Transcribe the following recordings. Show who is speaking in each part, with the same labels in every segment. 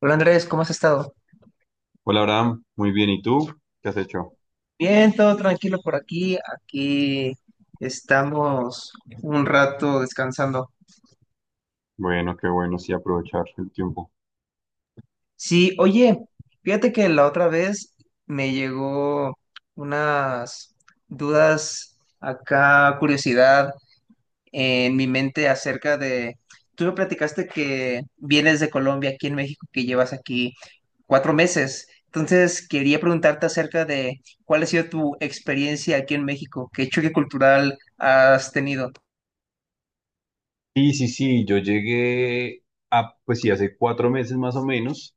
Speaker 1: Hola Andrés, ¿cómo has estado?
Speaker 2: Hola Abraham, muy bien. ¿Y tú? ¿Qué has hecho?
Speaker 1: Bien, todo tranquilo por aquí. Aquí estamos un rato descansando.
Speaker 2: Bueno, qué bueno, sí, aprovechar el tiempo.
Speaker 1: Sí, oye, fíjate que la otra vez me llegó unas dudas acá, curiosidad en mi mente acerca de, tú me platicaste que vienes de Colombia aquí en México, que llevas aquí 4 meses. Entonces, quería preguntarte acerca de cuál ha sido tu experiencia aquí en México, qué choque cultural has tenido.
Speaker 2: Sí, sí, sí, yo llegué pues sí, hace 4 meses más o menos.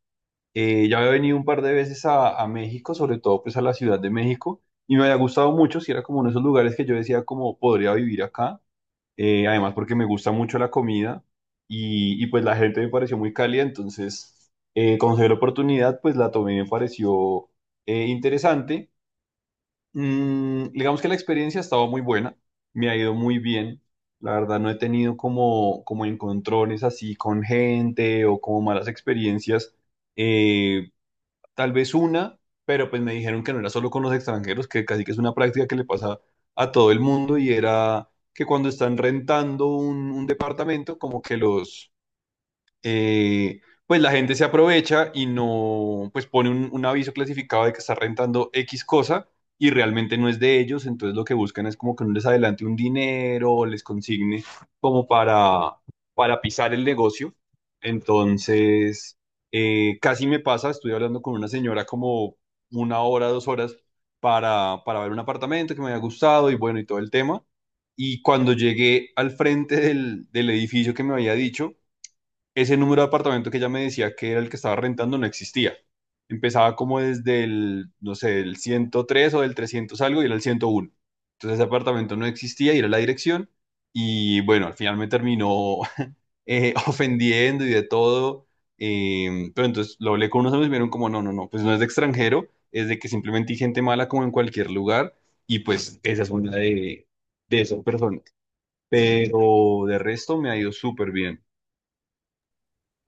Speaker 2: Ya había venido un par de veces a México, sobre todo pues a la Ciudad de México, y me había gustado mucho, si era como uno de esos lugares que yo decía como podría vivir acá. Además porque me gusta mucho la comida pues la gente me pareció muy cálida, entonces cuando se dio la oportunidad pues la tomé y me pareció interesante. Digamos que la experiencia ha estado muy buena, me ha ido muy bien. La verdad no he tenido como encontrones así con gente o como malas experiencias. Eh, tal vez una, pero pues me dijeron que no era solo con los extranjeros, que casi que es una práctica que le pasa a todo el mundo y era que cuando están rentando un departamento, como que los eh, pues la gente se aprovecha y no, pues pone un aviso clasificado de que está rentando X cosa y realmente no es de ellos, entonces lo que buscan es como que no les adelante un dinero o les consigne como para pisar el negocio. Entonces, casi me pasa, estuve hablando con una señora como 1 hora, 2 horas para ver un apartamento que me había gustado y bueno, y todo el tema. Y cuando llegué al frente del edificio que me había dicho, ese número de apartamento que ella me decía que era el que estaba rentando no existía. Empezaba como desde el, no sé, el 103 o del 300 algo y era el 101. Entonces ese apartamento no existía y era la dirección. Y bueno, al final me terminó ofendiendo y de todo. Pero entonces lo hablé con unos amigos y me dijeron como, no, no, no, pues no es de extranjero, es de que simplemente hay gente mala como en cualquier lugar. Y pues esa es una de esas personas. Pero de resto me ha ido súper bien.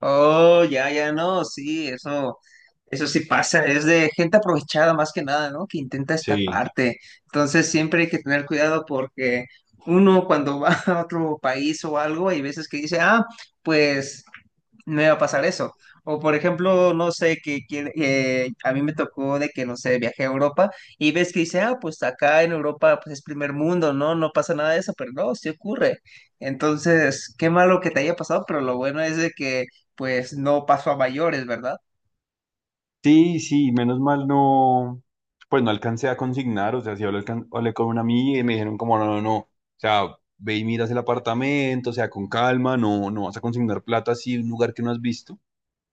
Speaker 1: Oh, ya, ya no, sí, eso sí pasa, es de gente aprovechada más que nada, ¿no? Que intenta
Speaker 2: Sí.
Speaker 1: estafarte. Entonces, siempre hay que tener cuidado porque uno cuando va a otro país o algo, hay veces que dice, ah, pues me va a pasar eso. O por ejemplo, no sé, a mí me tocó de que, no sé, viajé a Europa y ves que dice, ah, pues acá en Europa pues es primer mundo, ¿no? No pasa nada de eso, pero no, sí ocurre. Entonces, qué malo que te haya pasado, pero lo bueno es de que pues no pasó a mayores, ¿verdad?
Speaker 2: Sí, sí, menos mal no, pues no alcancé a consignar, o sea, sí hablé, hablé con una amiga y me dijeron como, no, no, no, o sea, ve y miras el apartamento, o sea, con calma, no, no vas a consignar plata así en un lugar que no has visto.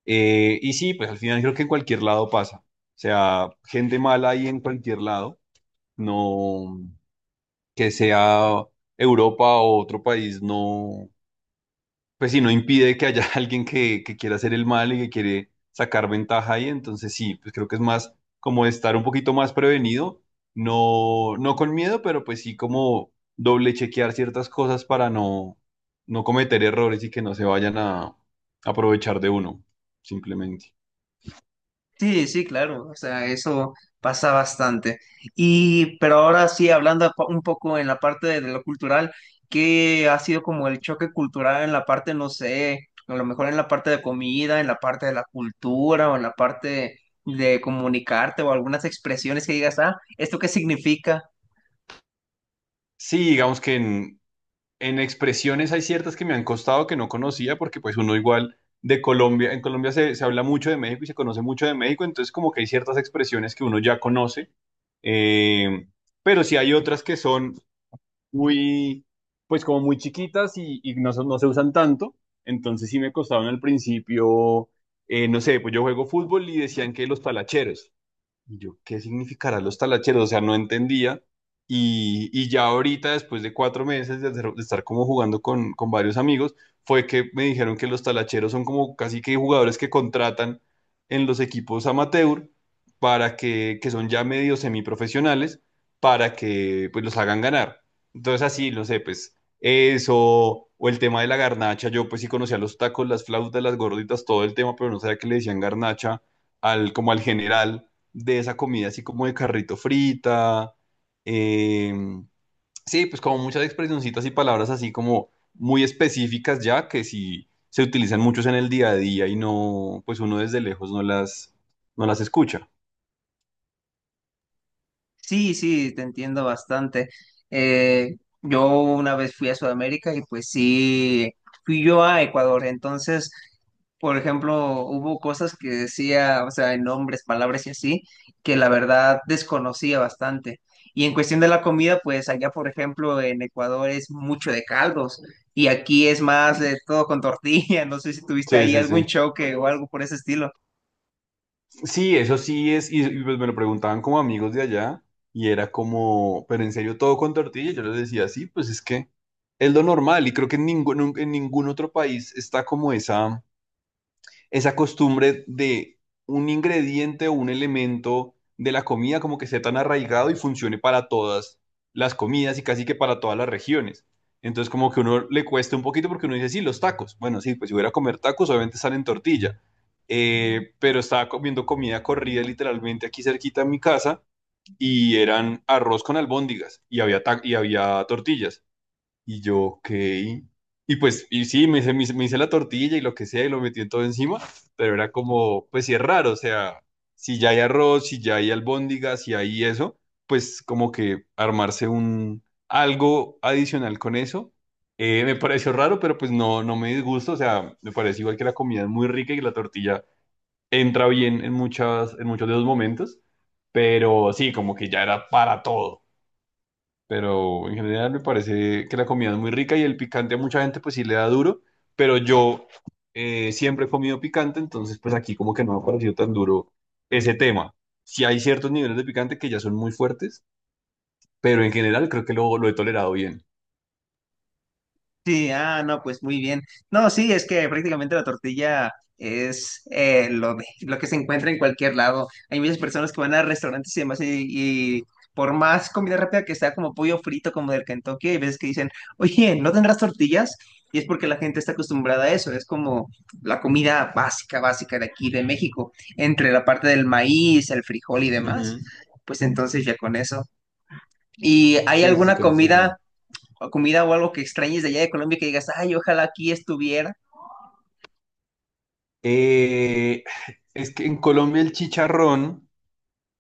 Speaker 2: Y sí, pues al final creo que en cualquier lado pasa, o sea, gente mala ahí en cualquier lado, no, que sea Europa o otro país, no, pues sí, no impide que haya alguien que quiera hacer el mal y que quiere sacar ventaja ahí, entonces sí, pues creo que es más como estar un poquito más prevenido, no, no con miedo, pero pues sí como doble chequear ciertas cosas para no, no cometer errores y que no se vayan a aprovechar de uno, simplemente.
Speaker 1: Sí, sí, claro, o sea, eso pasa bastante. Y, pero ahora sí, hablando un poco en la parte de lo cultural, ¿qué ha sido como el choque cultural en la parte, no sé, a lo mejor en la parte de comida, en la parte de la cultura o en la parte de comunicarte o algunas expresiones que digas, ah, ¿esto qué significa?
Speaker 2: Sí, digamos que en expresiones hay ciertas que me han costado que no conocía porque pues uno igual de Colombia, en Colombia se habla mucho de México y se conoce mucho de México, entonces como que hay ciertas expresiones que uno ya conoce, eh, pero sí hay otras que son muy, pues como muy chiquitas y no, no se usan tanto, entonces sí me costaron al principio. No sé, pues yo juego fútbol y decían que los talacheros. Y yo, ¿qué significará los talacheros? O sea, no entendía. Y ya ahorita, después de 4 meses de estar como jugando con varios amigos, fue que me dijeron que los talacheros son como casi que jugadores que contratan en los equipos amateur para que son ya medio semiprofesionales, para que pues los hagan ganar. Entonces así, no sé, pues eso, o el tema de la garnacha, yo pues sí conocía los tacos, las flautas, las gorditas, todo el tema, pero no sabía que le decían garnacha al, como al general de esa comida así como de carrito frita. eh, sí, pues como muchas expresioncitas y palabras así como muy específicas ya que sí se utilizan muchos en el día a día y no, pues uno desde lejos no las escucha.
Speaker 1: Sí, sí, te entiendo bastante. Eh, yo una vez fui a Sudamérica y pues sí, fui yo a Ecuador. Entonces, por ejemplo, hubo cosas que decía, o sea, en nombres, palabras y así, que la verdad desconocía bastante. Y en cuestión de la comida, pues allá, por ejemplo, en Ecuador es mucho de caldos y aquí es más de todo con tortilla. No sé si tuviste
Speaker 2: Sí,
Speaker 1: ahí
Speaker 2: sí,
Speaker 1: algún
Speaker 2: sí.
Speaker 1: choque o algo por ese estilo.
Speaker 2: Sí, eso sí es, y pues me lo preguntaban como amigos de allá y era como, pero en serio todo con tortilla, yo les decía, sí, pues es que es lo normal y creo que en ningún otro país está como esa costumbre de un ingrediente o un elemento de la comida como que sea tan arraigado y funcione para todas las comidas y casi que para todas las regiones. Entonces como que uno le cuesta un poquito porque uno dice, sí, los tacos. Bueno, sí, pues si hubiera a comer tacos, obviamente salen tortilla. Pero estaba comiendo comida corrida literalmente aquí cerquita de mi casa y eran arroz con albóndigas y había tortillas. Y yo, ok. Y pues, y sí, me hice la tortilla y lo que sea, y lo metí en todo encima, pero era como, pues sí es raro, o sea, si ya hay arroz, si ya hay albóndigas, si hay eso, pues como que armarse un algo adicional con eso, me pareció raro, pero pues no, no me disgusta, o sea, me parece igual que la comida es muy rica y que la tortilla entra bien en muchas, en muchos de los momentos, pero sí, como que ya era para todo. Pero en general me parece que la comida es muy rica y el picante a mucha gente pues sí le da duro, pero yo siempre he comido picante, entonces pues aquí como que no me ha parecido tan duro ese tema. Sí hay ciertos niveles de picante que ya son muy fuertes, pero en general creo que lo he tolerado bien.
Speaker 1: Sí, ah, no, pues muy bien. No, sí, es que prácticamente la tortilla es lo de, lo que se encuentra en cualquier lado. Hay muchas personas que van a restaurantes y demás y por más comida rápida que sea, como pollo frito, como del Kentucky, hay veces que dicen, oye, ¿no tendrás tortillas? Y es porque la gente está acostumbrada a eso. Es como la comida básica, básica de aquí, de México, entre la parte del maíz, el frijol y demás.
Speaker 2: Ujú.
Speaker 1: Pues entonces ya con eso. ¿Y hay
Speaker 2: Sí, sí, sí,
Speaker 1: alguna
Speaker 2: con
Speaker 1: comida?
Speaker 2: eso.
Speaker 1: O comida o algo que extrañes de allá de Colombia que digas, ay, ojalá aquí estuviera?
Speaker 2: Eh, es que en Colombia el chicharrón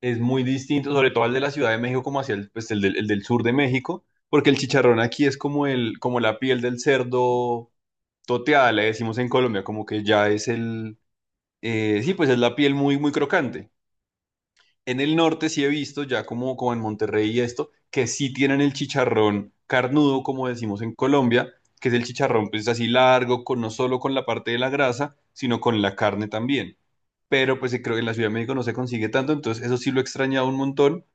Speaker 2: es muy distinto, sobre todo al de la Ciudad de México, como hacia el del sur de México, porque el chicharrón aquí es como la piel del cerdo toteada, le decimos en Colombia, como que ya es el, sí, pues es la piel muy, muy crocante. En el norte sí he visto, ya como en Monterrey y esto, que sí tienen el chicharrón carnudo, como decimos en Colombia, que es el chicharrón pues así largo, no solo con la parte de la grasa, sino con la carne también. Pero pues creo que en la Ciudad de México no se consigue tanto, entonces eso sí lo he extrañado un montón,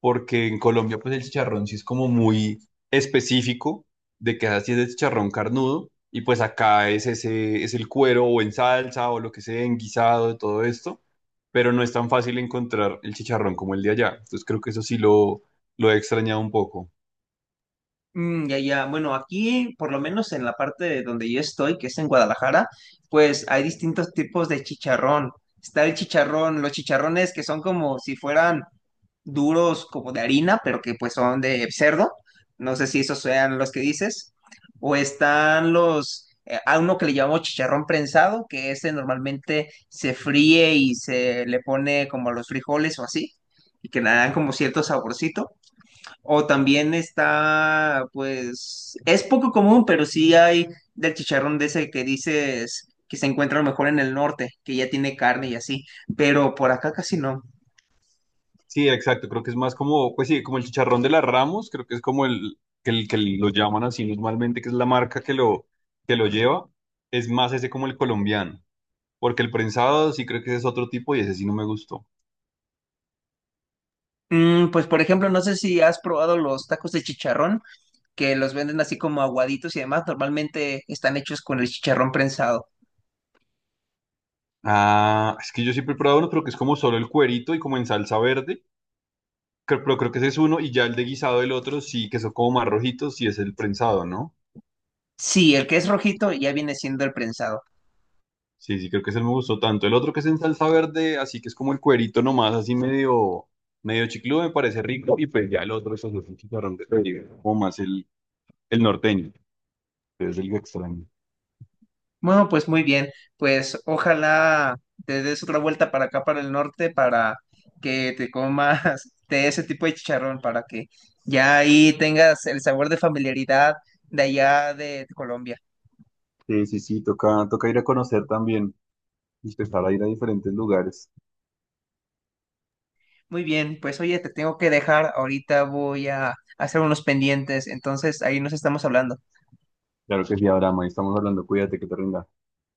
Speaker 2: porque en Colombia pues el chicharrón sí es como muy específico de que así es el chicharrón carnudo, y pues acá es ese, es el cuero o en salsa o lo que sea, en guisado, de todo esto, pero no es tan fácil encontrar el chicharrón como el de allá. Entonces creo que eso sí lo he extrañado un poco.
Speaker 1: Mm, ya, ya. Bueno, aquí, por lo menos en la parte de donde yo estoy, que es en Guadalajara, pues hay distintos tipos de chicharrón. Está el chicharrón, los chicharrones que son como si fueran duros, como de harina, pero que pues son de cerdo. No sé si esos sean los que dices. O están los, a uno que le llamamos chicharrón prensado, que ese normalmente se fríe y se le pone como a los frijoles o así, y que le dan como cierto saborcito. O también está, pues, es poco común, pero sí hay del chicharrón de ese que dices que se encuentra a lo mejor en el norte, que ya tiene carne y así, pero por acá casi no.
Speaker 2: Sí, exacto, creo que es más como, pues sí, como el chicharrón de las Ramos, creo que es como el que, que lo llaman así normalmente, que es la marca que lo lleva, es más ese como el colombiano, porque el prensado sí creo que ese es otro tipo y ese sí no me gustó.
Speaker 1: Mm, pues, por ejemplo, no sé si has probado los tacos de chicharrón, que los venden así como aguaditos y demás, normalmente están hechos con el chicharrón prensado.
Speaker 2: Ah, es que yo siempre he probado uno, pero que es como solo el cuerito y como en salsa verde, pero creo que ese es uno y ya el de guisado del otro sí, que son como más rojitos, sí es el prensado, ¿no?
Speaker 1: Sí, el que es rojito ya viene siendo el prensado.
Speaker 2: Sí, sí, creo que ese me gustó tanto. El otro que es en salsa verde, así que es como el cuerito nomás, así medio chicludo, me parece rico. Y pues ya el otro es así, un chicharrón de Caribe, como más el norteño, que es el que extraño.
Speaker 1: Bueno, pues muy bien, pues ojalá te des otra vuelta para acá, para el norte, para que te comas de ese tipo de chicharrón, para que ya ahí tengas el sabor de familiaridad de allá de Colombia.
Speaker 2: Sí, sí, sí, toca ir a conocer también y empezar a ir a diferentes lugares.
Speaker 1: Muy bien, pues oye, te tengo que dejar, ahorita voy a hacer unos pendientes, entonces ahí nos estamos hablando.
Speaker 2: Claro que sí, Abraham, ahí estamos hablando, cuídate que te rinda.